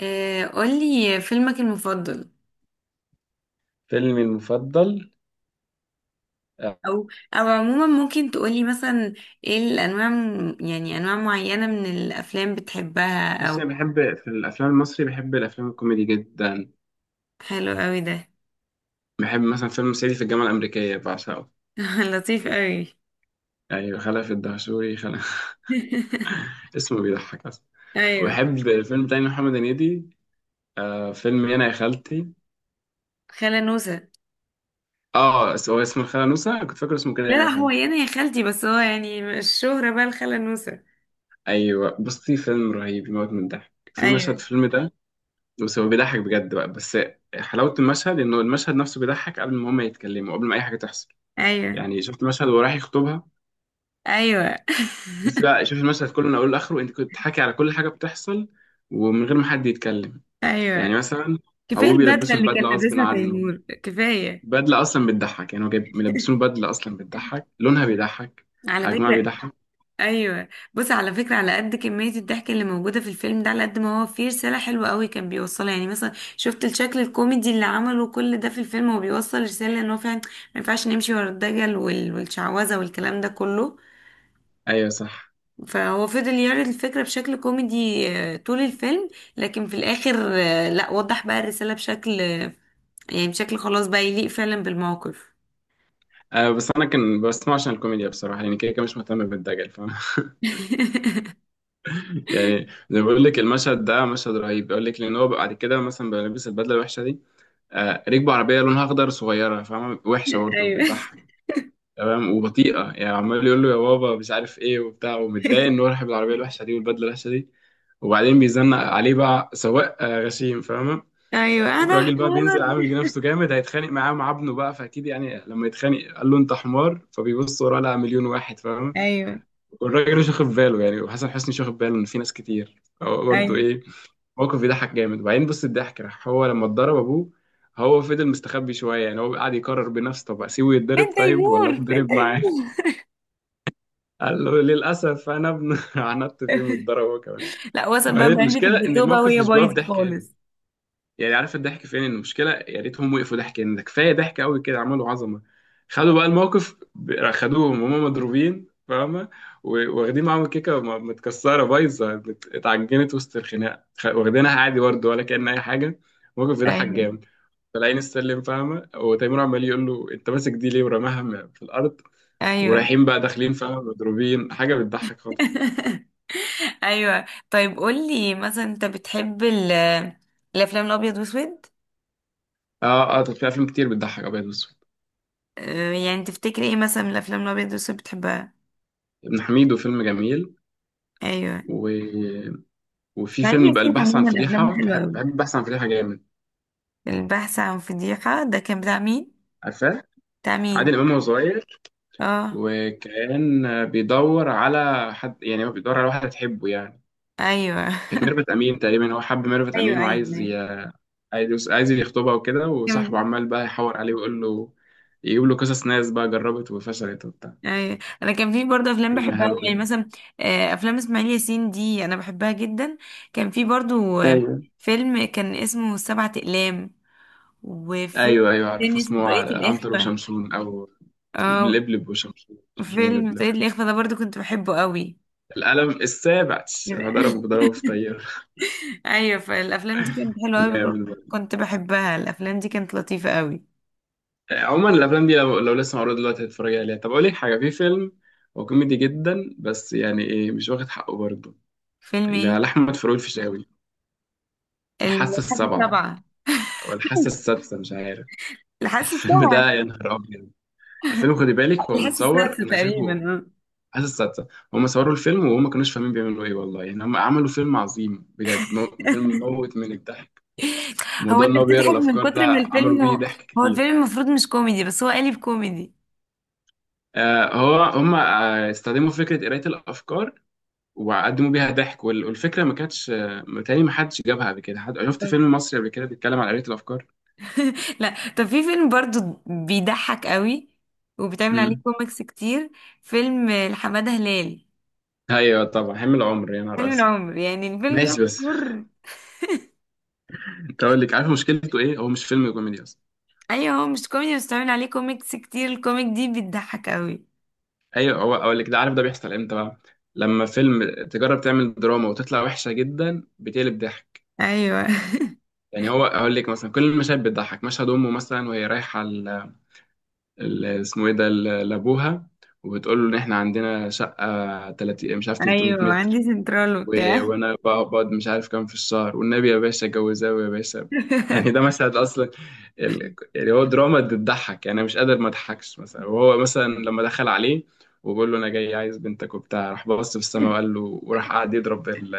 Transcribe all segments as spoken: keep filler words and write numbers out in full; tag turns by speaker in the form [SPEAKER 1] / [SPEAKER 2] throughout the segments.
[SPEAKER 1] آه، قولي فيلمك المفضل.
[SPEAKER 2] فيلمي المفضل. آه،
[SPEAKER 1] او او عموما ممكن تقولي مثلا ايه الانواع م- يعني انواع معينة من الافلام بتحبها
[SPEAKER 2] بص انا
[SPEAKER 1] او.
[SPEAKER 2] بحب في الافلام المصري، بحب الافلام الكوميدي جدا.
[SPEAKER 1] حلو قوي ده.
[SPEAKER 2] بحب مثلا فيلم صعيدي في الجامعه الامريكيه، بعشقه.
[SPEAKER 1] لطيف قوي.
[SPEAKER 2] يعني خلف الدهشوري خلف اسمه بيضحك اصلا.
[SPEAKER 1] ايوه.
[SPEAKER 2] وبحب فيلم تاني محمد هنيدي، آه فيلم يانا يا خالتي.
[SPEAKER 1] خالة نوسة.
[SPEAKER 2] اه، اس- هو اسمه الخاله نوسه، أنا كنت فاكر اسمه كده
[SPEAKER 1] لا
[SPEAKER 2] يانا
[SPEAKER 1] لا،
[SPEAKER 2] يا
[SPEAKER 1] هو
[SPEAKER 2] خالتي.
[SPEAKER 1] يعني يا خالتي، بس هو يعني الشهرة بقى الخالة نوسة.
[SPEAKER 2] ايوه، بصي فيلم رهيب، يموت من الضحك، في مشهد في
[SPEAKER 1] ايوه.
[SPEAKER 2] الفيلم ده. بس هو بيضحك بجد بقى بس. حلاوه المشهد انه المشهد نفسه بيضحك قبل ما هما يتكلموا، قبل ما اي حاجه تحصل.
[SPEAKER 1] ايوه.
[SPEAKER 2] يعني شفت مشهد وهو رايح يخطبها.
[SPEAKER 1] ايوه.
[SPEAKER 2] بس لا، شوف المشهد كله من اوله لاخره، انت كنت حاكي على كل حاجه بتحصل ومن غير ما حد يتكلم.
[SPEAKER 1] ايوه،
[SPEAKER 2] يعني مثلا،
[SPEAKER 1] كفاية
[SPEAKER 2] ابوه
[SPEAKER 1] البدلة
[SPEAKER 2] بيلبسه
[SPEAKER 1] اللي كان
[SPEAKER 2] البدله غصب
[SPEAKER 1] لابسها
[SPEAKER 2] عنه.
[SPEAKER 1] تيمور كفاية.
[SPEAKER 2] بدله اصلا بتضحك، يعني هو جايب ملبسينه بدله اصلا بتضحك، لونها بيضحك،
[SPEAKER 1] على
[SPEAKER 2] حجمها
[SPEAKER 1] فكرة.
[SPEAKER 2] بيضحك.
[SPEAKER 1] ايوه. بص، على فكره، على قد كميه الضحك اللي موجوده في الفيلم ده على قد ما هو فيه رساله حلوه قوي كان بيوصلها. يعني مثلا شفت الشكل الكوميدي اللي عمله كل ده في الفيلم، هو بيوصل رساله ان هو فعلا ما ينفعش نمشي ورا الدجل وال- والشعوذه والكلام ده كله.
[SPEAKER 2] ايوه صح.
[SPEAKER 1] فهو فضل يعرض الفكره بشكل كوميدي آه، طول الفيلم. لكن في الاخر، آه، لا وضح بقى الرساله بشكل آه، يعني بشكل خلاص بقى يليق فعلا بالموقف.
[SPEAKER 2] أه بس انا كان بسمع عشان الكوميديا بصراحه، يعني كده كده مش مهتم بالدجل، فاهم؟ يعني، زي ما بقول لك المشهد ده مشهد رهيب، بقول لك لان هو بعد كده مثلا بيلبس البدله الوحشه دي. آه ركبه عربيه لونها اخضر صغيره، فاهمه؟ وحشه برضه،
[SPEAKER 1] ايوه.
[SPEAKER 2] بتضحك. تمام، وبطيئه، يعني عمال يقول له يا بابا مش عارف ايه وبتاع، ومتضايق ان هو رايح بالعربيه الوحشه دي والبدله الوحشه دي. وبعدين بيزنق عليه بقى سواق آه، غشيم، فاهمه؟
[SPEAKER 1] ايوه انا
[SPEAKER 2] والراجل بقى
[SPEAKER 1] حمار.
[SPEAKER 2] بينزل عامل نفسه جامد، هيتخانق معاه مع ابنه بقى، فاكيد يعني لما يتخانق قال له انت حمار، فبيبص وراه لقى مليون واحد، فاهم؟
[SPEAKER 1] ايوه.
[SPEAKER 2] والراجل مش واخد باله يعني، وحسن حسني مش واخد باله ان في ناس كتير هو برضه
[SPEAKER 1] ايوه.
[SPEAKER 2] ايه. موقف بيضحك جامد. وبعدين بص الضحك راح هو لما اتضرب ابوه. هو فضل مستخبي شويه، يعني هو قاعد يقرر بنفسه طب اسيبه يتضرب
[SPEAKER 1] فين
[SPEAKER 2] طيب ولا
[SPEAKER 1] تيمور، فين
[SPEAKER 2] اتضرب معاه.
[SPEAKER 1] تيمور.
[SPEAKER 2] قال له للأسف أنا ابن عندت فيه، واتضرب هو كمان.
[SPEAKER 1] لا وصل
[SPEAKER 2] ما
[SPEAKER 1] بقى
[SPEAKER 2] هي
[SPEAKER 1] بعلبة
[SPEAKER 2] المشكلة إن
[SPEAKER 1] الجاتوه بقى
[SPEAKER 2] الموقف
[SPEAKER 1] وهي
[SPEAKER 2] مش بيقف
[SPEAKER 1] بايظة
[SPEAKER 2] ضحك هنا.
[SPEAKER 1] خالص.
[SPEAKER 2] يعني عارف الضحك فين؟ المشكلة يا ريتهم وقفوا ضحك هنا، ده كفاية ضحك قوي كده، عملوا عظمة. خدوا بقى الموقف ب- خدوهم وهم مضروبين، فاهمة؟ و- واخدين معاهم الكيكة م- متكسرة بايظة، مت- اتعجنت وسط الخناقة، خ- واخدينها عادي برضه ولا كأن أي حاجة. الموقف بيضحك
[SPEAKER 1] ايوه.
[SPEAKER 2] جامد. طالعين السلم، فاهمة؟ وتيمور عمال يقول له أنت ماسك دي ليه، ورماها م- في الأرض.
[SPEAKER 1] ايوه.
[SPEAKER 2] ورايحين بقى داخلين، فاهمة؟ مضروبين، حاجة بتضحك خالص.
[SPEAKER 1] ايوه، طيب قول لي مثلا انت بتحب ال- الافلام الابيض واسود؟
[SPEAKER 2] اه اه، طب في افلام كتير بتضحك ابيض واسود.
[SPEAKER 1] آه، يعني تفتكري ايه مثلا من الافلام الابيض واسود بتحبها؟
[SPEAKER 2] ابن حميدو فيلم جميل.
[SPEAKER 1] ايوه.
[SPEAKER 2] و... وفي
[SPEAKER 1] اسماعيل
[SPEAKER 2] فيلم بقى
[SPEAKER 1] ياسين
[SPEAKER 2] البحث عن
[SPEAKER 1] عموما
[SPEAKER 2] فضيحه،
[SPEAKER 1] افلامه
[SPEAKER 2] بحب
[SPEAKER 1] حلوه قوي.
[SPEAKER 2] بحب البحث عن فضيحه جامد.
[SPEAKER 1] البحث عن فضيحه ده كان بتاع مين؟
[SPEAKER 2] عارفاه؟
[SPEAKER 1] بتاع مين؟
[SPEAKER 2] عادل امام وهو صغير.
[SPEAKER 1] اه.
[SPEAKER 2] وكان بيدور على حد، يعني هو بيدور على واحده تحبه يعني.
[SPEAKER 1] ايوه.
[SPEAKER 2] كانت ميرفت امين تقريبا، هو حب ميرفت
[SPEAKER 1] ايوه.
[SPEAKER 2] امين،
[SPEAKER 1] ايوه.
[SPEAKER 2] وعايز ي... عايز عايز يخطبها وكده، وصاحبه
[SPEAKER 1] أيوة.
[SPEAKER 2] عمال بقى يحور عليه ويقول له، يجيب له قصص ناس بقى جربت وفشلت وبتاع.
[SPEAKER 1] أي. انا كان في برضه افلام
[SPEAKER 2] فيلم
[SPEAKER 1] بحبها أوي،
[SPEAKER 2] حلو
[SPEAKER 1] يعني
[SPEAKER 2] كده.
[SPEAKER 1] مثلا آه، افلام اسماعيل ياسين دي انا بحبها جدا. كان في برضه آه،
[SPEAKER 2] ايوه
[SPEAKER 1] فيلم كان اسمه سبعة اقلام. وفيلم
[SPEAKER 2] ايوه ايوه، عارف
[SPEAKER 1] تاني اسمه
[SPEAKER 2] اسمه
[SPEAKER 1] طريقة
[SPEAKER 2] ع- عنتر
[SPEAKER 1] الاخفاء.
[SPEAKER 2] وشمشون او
[SPEAKER 1] اه
[SPEAKER 2] لبلب وشمشون، شمشون
[SPEAKER 1] فيلم
[SPEAKER 2] ولبلب.
[SPEAKER 1] طريقة الاخفاء ده برضه كنت بحبه قوي.
[SPEAKER 2] القلم السابع، راح ضربه بضربه في طياره
[SPEAKER 1] ايوه، فالافلام دي كانت حلوه قوي.
[SPEAKER 2] جامد برضه.
[SPEAKER 1] كنت بحبها، الافلام دي كانت لطيفه قوي.
[SPEAKER 2] عموما الافلام دي لو, لو لسه معروضه دلوقتي هتتفرج عليها. طب اقول لك حاجه، في فيلم هو كوميدي جدا بس يعني ايه، مش واخد حقه برضه.
[SPEAKER 1] فيلم
[SPEAKER 2] اللي
[SPEAKER 1] ايه؟
[SPEAKER 2] على احمد فاروق الفيشاوي الحاسه
[SPEAKER 1] الحاسه
[SPEAKER 2] السابعه
[SPEAKER 1] السابعه.
[SPEAKER 2] او الحاسه السادسه، مش عارف
[SPEAKER 1] الحاسه
[SPEAKER 2] الفيلم
[SPEAKER 1] السابعه.
[SPEAKER 2] ده يا نهار ابيض. الفيلم خدي بالك هو
[SPEAKER 1] الحاسه
[SPEAKER 2] متصور،
[SPEAKER 1] السادسه
[SPEAKER 2] انا
[SPEAKER 1] تقريبا
[SPEAKER 2] شايفه
[SPEAKER 1] آه.
[SPEAKER 2] عايز السادسة. هم صوروا الفيلم وهم ما كانوش فاهمين بيعملوا ايه والله، يعني هم عملوا فيلم عظيم بجد، مو- فيلم موت من الضحك.
[SPEAKER 1] هو
[SPEAKER 2] موضوع
[SPEAKER 1] انت
[SPEAKER 2] ان هو بيقرا
[SPEAKER 1] بتضحك من
[SPEAKER 2] الافكار ده،
[SPEAKER 1] كتر من
[SPEAKER 2] عملوا
[SPEAKER 1] الفيلم
[SPEAKER 2] بيه
[SPEAKER 1] هو,
[SPEAKER 2] ضحك
[SPEAKER 1] هو
[SPEAKER 2] كتير.
[SPEAKER 1] الفيلم المفروض مش كوميدي بس هو قالب كوميدي.
[SPEAKER 2] آه هو هم آه استخدموا فكرة قراية الافكار وقدموا بيها ضحك، وال- والفكرة ما كانتش آه، متهيألي ما حدش جابها قبل كده، حد شفت فيلم مصري قبل كده بيتكلم عن قراية الافكار؟
[SPEAKER 1] لا طب في فيلم برضو بيضحك قوي وبتعمل عليه
[SPEAKER 2] امم،
[SPEAKER 1] كوميكس كتير. فيلم لحمادة هلال.
[SPEAKER 2] ايوه طبعا حمل عمر، يا نهار
[SPEAKER 1] حلم
[SPEAKER 2] اسود.
[SPEAKER 1] العمر، يعني الفيلم ده
[SPEAKER 2] ماشي بس
[SPEAKER 1] مشهور.
[SPEAKER 2] انت اقول لك عارف مشكلته ايه؟ هو مش فيلم كوميدي اصلا.
[SPEAKER 1] ايوه هو مش كوميدي بس بتعمل عليه كوميكس كتير، الكوميك دي بتضحك قوي.
[SPEAKER 2] ايوه، هو اقول لك ده عارف ده بيحصل امتى بقى؟ لما فيلم تجرب تعمل دراما وتطلع وحشه جدا بتقلب ضحك.
[SPEAKER 1] ايوه.
[SPEAKER 2] يعني هو اقول لك مثلا كل المشاهد بتضحك، مشهد امه مثلا وهي رايحه ال- ال- اسمه ايه ده ل- لابوها، وبتقول له ان احنا عندنا شقه تلاتين مش عارف تلتميت
[SPEAKER 1] ايوه،
[SPEAKER 2] متر،
[SPEAKER 1] عندي سنترال
[SPEAKER 2] و-
[SPEAKER 1] وبتاع.
[SPEAKER 2] وانا بقعد مش عارف كام في الشهر، والنبي يا باشا اتجوزاه يا باشا. يعني ده مشهد اصلا، ال... يعني هو دراما بتضحك، يعني انا مش قادر ما اضحكش. مثلا وهو مثلا لما دخل عليه وبقول له انا جاي عايز بنتك وبتاع، راح بص في السماء وقال له، وراح قعد يضرب ال...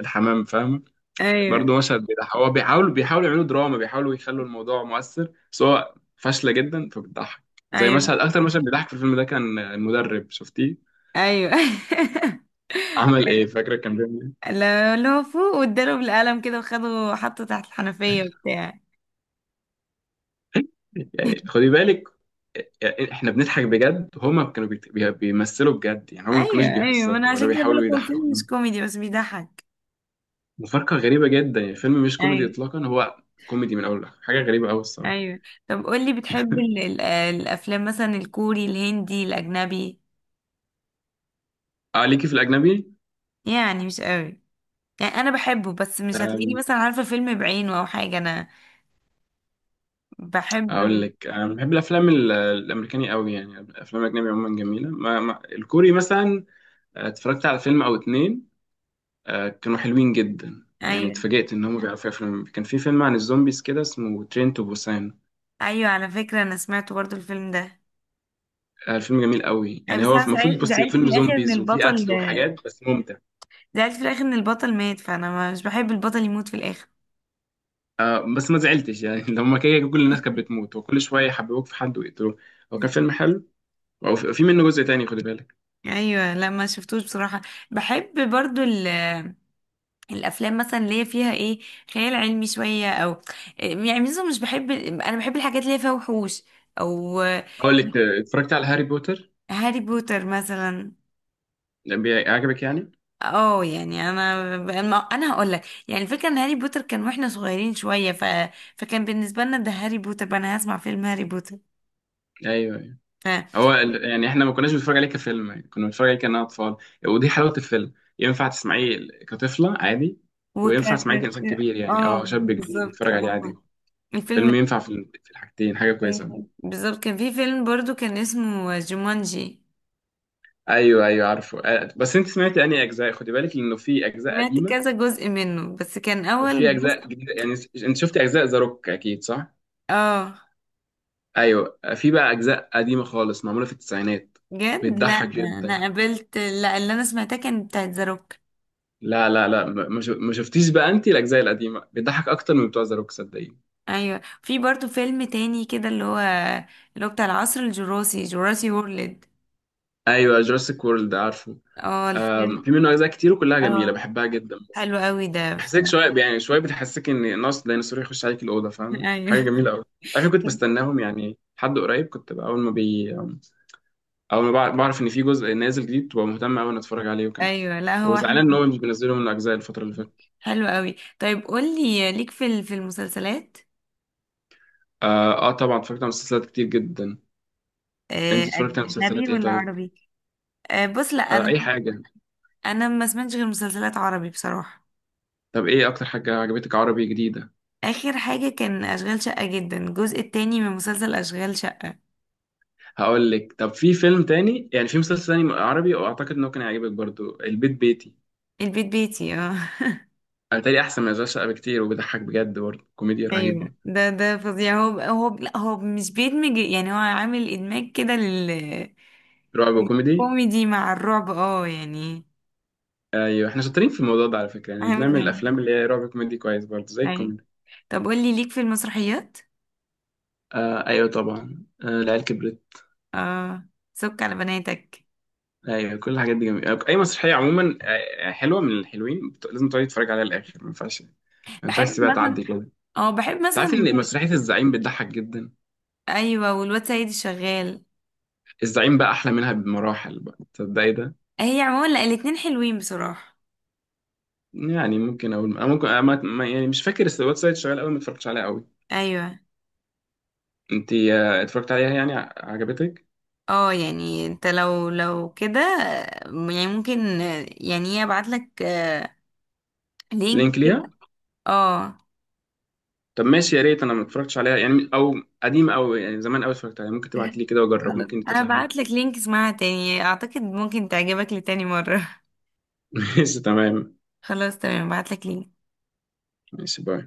[SPEAKER 2] الحمام، فاهم؟
[SPEAKER 1] ايوه.
[SPEAKER 2] برضه مشهد بيضحك. هو بيحاولوا بيحاولوا يعملوا دراما، بيحاولوا يخلوا الموضوع مؤثر بس هو فاشله جدا فبتضحك. زي
[SPEAKER 1] ايوه.
[SPEAKER 2] مشهد، اكتر مشهد بيضحك في الفيلم ده كان المدرب، شفتيه
[SPEAKER 1] ايوه. ايوه،
[SPEAKER 2] عمل ايه؟ فاكره كان بيعمل
[SPEAKER 1] لا- اللي هو فوق واداله بالقلم كده وخده حطه تحت الحنفية وبتاع.
[SPEAKER 2] يعني خدي بالك، يعني احنا بنضحك بجد هما كانوا بيت- بي- بيمثلوا بجد، يعني هما ما كانوش
[SPEAKER 1] ايوه. ايوه، ما انا
[SPEAKER 2] بيهزروا ولا
[SPEAKER 1] عشان كده
[SPEAKER 2] بيحاولوا
[SPEAKER 1] بقولك، هو الفيلم
[SPEAKER 2] يضحكونا.
[SPEAKER 1] مش كوميدي بس بيضحك.
[SPEAKER 2] مفارقة غريبة جدا، يعني الفيلم مش كوميدي
[SPEAKER 1] ايوه.
[SPEAKER 2] اطلاقا، هو كوميدي من اول لاخر، حاجة غريبة قوي الصراحة.
[SPEAKER 1] ايوه. طب قولي بتحب ال- ال- الافلام مثلا الكوري، الهندي، الاجنبي؟
[SPEAKER 2] اه ليكي في الاجنبي.
[SPEAKER 1] يعني مش قوي، يعني انا بحبه بس مش هتلاقيني
[SPEAKER 2] أم،
[SPEAKER 1] مثلا عارفه فيلم بعينه او حاجه انا بحب.
[SPEAKER 2] اقول لك انا بحب الافلام ال- الامريكاني قوي، يعني الافلام الاجنبي عموما جميلة. ما ما الكوري مثلا، آه، اتفرجت على فيلم او اتنين، آه، كانوا حلوين جدا، يعني
[SPEAKER 1] ايوه.
[SPEAKER 2] اتفاجئت ان هم بيعرفوا يفلم. كان في فيلم عن الزومبيز كده اسمه ترين تو بوسان،
[SPEAKER 1] ايوه، على فكره انا سمعت برضو الفيلم ده.
[SPEAKER 2] آه، الفيلم جميل قوي،
[SPEAKER 1] اي
[SPEAKER 2] يعني
[SPEAKER 1] بس
[SPEAKER 2] هو
[SPEAKER 1] انا
[SPEAKER 2] المفروض
[SPEAKER 1] زعل-
[SPEAKER 2] بص هو
[SPEAKER 1] زعلت في
[SPEAKER 2] فيلم
[SPEAKER 1] الاخر ان
[SPEAKER 2] زومبيز وفيه
[SPEAKER 1] البطل،
[SPEAKER 2] قتل وحاجات بس ممتع.
[SPEAKER 1] زعلت في الاخر ان البطل مات، فانا مش بحب البطل يموت في الاخر.
[SPEAKER 2] آه، بس ما زعلتش يعني لما كده كل الناس كانت بتموت وكل شويه يحببوك في حد ويقتلوه. هو كان فيلم حلو، وفي منه جزء تاني، خد بالك.
[SPEAKER 1] ايوه لا ما شفتوش بصراحه. بحب برضو ال- الافلام مثلا اللي هي فيها ايه، خيال علمي شويه، او يعني مثلا مش بحب، انا بحب الحاجات اللي هي فيها وحوش او.
[SPEAKER 2] اقول لك، آه، اتفرجت على هاري بوتر
[SPEAKER 1] هاري بوتر مثلا.
[SPEAKER 2] ده، بي- عجبك يعني؟
[SPEAKER 1] اه، يعني انا انا أنا هقول لك، يعني الفكره ان هاري بوتر كان واحنا صغيرين شويه ف... فكان بالنسبه لنا ده هاري بوتر بقى، انا هسمع فيلم هاري بوتر
[SPEAKER 2] ايوه، أيوة.
[SPEAKER 1] ف...
[SPEAKER 2] هو ال- يعني احنا ما كناش بنتفرج عليه كفيلم، يعني كنا بنتفرج عليه كأننا اطفال. ودي حلاوه الفيلم، ينفع تسمعيه كطفله عادي وينفع تسمعيه
[SPEAKER 1] وكان.
[SPEAKER 2] كإنسان كبير، يعني
[SPEAKER 1] اه
[SPEAKER 2] اه شاب كبير
[SPEAKER 1] بالظبط
[SPEAKER 2] يتفرج عليه
[SPEAKER 1] اه،
[SPEAKER 2] عادي.
[SPEAKER 1] الفيلم.
[SPEAKER 2] فيلم ينفع في ال- في الحاجتين، حاجه كويسه.
[SPEAKER 1] بالظبط. كان في فيلم برضو كان اسمه جومانجي.
[SPEAKER 2] ايوه ايوه عارفه، آه، بس انت سمعت انهي اجزاء؟ خدي بالك انه في اجزاء
[SPEAKER 1] سمعت
[SPEAKER 2] قديمه
[SPEAKER 1] كذا جزء منه بس كان
[SPEAKER 2] وفي
[SPEAKER 1] اول جزء.
[SPEAKER 2] اجزاء جديده، يعني س- انت شفتي اجزاء ذا روك اكيد، صح؟
[SPEAKER 1] اه.
[SPEAKER 2] ايوه، آه، في بقى اجزاء قديمه خالص معموله في التسعينات،
[SPEAKER 1] جد لا.
[SPEAKER 2] بتضحك جدا.
[SPEAKER 1] انا قابلت، لا، اللي انا سمعتها كان بتاعت ذا روك.
[SPEAKER 2] لا لا لا، ما ما ش- ما شفتيش بقى، انت الاجزاء القديمه بتضحك اكتر من بتوع ذا روك، صدقيني.
[SPEAKER 1] ايوه. في برضو فيلم تاني كده اللي هو اللي هو بتاع العصر الجراسي، جراسي وورلد.
[SPEAKER 2] ايوه، جوراسيك وورلد عارفه.
[SPEAKER 1] اه
[SPEAKER 2] آم،
[SPEAKER 1] الفيلم.
[SPEAKER 2] في منه اجزاء كتير وكلها
[SPEAKER 1] اه.
[SPEAKER 2] جميله بحبها جدا.
[SPEAKER 1] حلو قوي ده ف...
[SPEAKER 2] بحسك شويه، يعني شويه بتحسك ان ناس ديناصور يخش عليك الاوضه، فاهمه؟
[SPEAKER 1] ايوه.
[SPEAKER 2] حاجه جميله قوي. عارفه كنت بستناهم، يعني حد قريب كنت بقى اول ما بي اول ما بع- بعرف ان في جزء نازل جديد، ببقى مهتم قوي ان اتفرج عليه، وكان
[SPEAKER 1] ايوه لا هو
[SPEAKER 2] وزعلان
[SPEAKER 1] حلو.
[SPEAKER 2] ان هو مش بينزله من الاجزاء الفتره اللي فاتت.
[SPEAKER 1] حلو قوي. طيب قولي ليك في ال- في المسلسلات؟
[SPEAKER 2] آه, اه طبعا اتفرجت على مسلسلات كتير جدا.
[SPEAKER 1] آه،
[SPEAKER 2] انت اتفرجت على
[SPEAKER 1] اجنبي
[SPEAKER 2] مسلسلات ايه
[SPEAKER 1] ولا
[SPEAKER 2] طيب؟
[SPEAKER 1] عربي؟ آه، بص لا
[SPEAKER 2] آه
[SPEAKER 1] انا،
[SPEAKER 2] اي حاجه.
[SPEAKER 1] انا ما سمعتش غير مسلسلات عربي بصراحة.
[SPEAKER 2] طب ايه اكتر حاجه عجبتك عربي جديده؟
[SPEAKER 1] اخر حاجة كان اشغال شقة جدا، الجزء التاني من مسلسل اشغال شقة.
[SPEAKER 2] هقول لك، طب في فيلم تاني يعني في مسلسل تاني عربي واعتقد انه كان هيعجبك برضو، البيت بيتي.
[SPEAKER 1] البيت بيتي، اه.
[SPEAKER 2] انا تاني احسن من اشغال شقه بكتير وبيضحك بجد برضو، كوميديا
[SPEAKER 1] ايوه،
[SPEAKER 2] رهيبه.
[SPEAKER 1] ده ده فظيع، هو هو لا هو مش بيدمج، يعني هو عامل ادماج كده لل
[SPEAKER 2] رعب وكوميدي.
[SPEAKER 1] الكوميدي مع الرعب اه يعني.
[SPEAKER 2] ايوه احنا شاطرين في الموضوع ده على فكره، يعني
[SPEAKER 1] عامل
[SPEAKER 2] بنعمل
[SPEAKER 1] ده.
[SPEAKER 2] الافلام اللي هي رعب كوميدي كويس برضو زي
[SPEAKER 1] ايوه.
[SPEAKER 2] الكوميدي.
[SPEAKER 1] طب قولي ليك في المسرحيات؟
[SPEAKER 2] آه ايوه طبعا، آه العيال كبرت.
[SPEAKER 1] اه، سك على بناتك.
[SPEAKER 2] ايوه كل الحاجات دي جميله، اي مسرحيه عموما آه، آه، حلوه من الحلوين، بت- لازم تقعدي تتفرج عليها للاخر، ما ينفعش ما
[SPEAKER 1] بحب
[SPEAKER 2] ينفعش تسيبها تعدي
[SPEAKER 1] مثلا،
[SPEAKER 2] كده انت.
[SPEAKER 1] اه بحب
[SPEAKER 2] عارف
[SPEAKER 1] مثلا.
[SPEAKER 2] ان مسرحيه الزعيم بتضحك جدا.
[SPEAKER 1] ايوه والواد سيد الشغال.
[SPEAKER 2] الزعيم بقى احلى منها بمراحل بقى، تصدقي ده؟
[SPEAKER 1] هي عموما، لا الاتنين حلوين بصراحة.
[SPEAKER 2] يعني ممكن اقول أنا، ممكن أنا ما- ما- يعني مش فاكر الس- الويب سايت شغال قوي، ما اتفرجتش عليها قوي.
[SPEAKER 1] ايوه.
[SPEAKER 2] انت آه، اتفرجت عليها يعني، ع- عجبتك؟
[SPEAKER 1] اه يعني انت لو لو كده آه، يعني ممكن، آه، يعني ايه، ابعت لك آه، لينك
[SPEAKER 2] لينك
[SPEAKER 1] كده.
[SPEAKER 2] ليها.
[SPEAKER 1] اه.
[SPEAKER 2] طب ماشي، يا ريت، انا ما اتفرجتش عليها يعني، او قديمه، او يعني زمان قوي اتفرجت عليها. ممكن تبعتي لي كده واجرب،
[SPEAKER 1] على، انا
[SPEAKER 2] ممكن تطلع حلوه.
[SPEAKER 1] ابعت لك لينك، اسمعها تاني، اعتقد ممكن تعجبك لتاني مرة.
[SPEAKER 2] ماشي تمام.
[SPEAKER 1] خلاص تمام، ابعت لك لينك.
[SPEAKER 2] ماشي باي.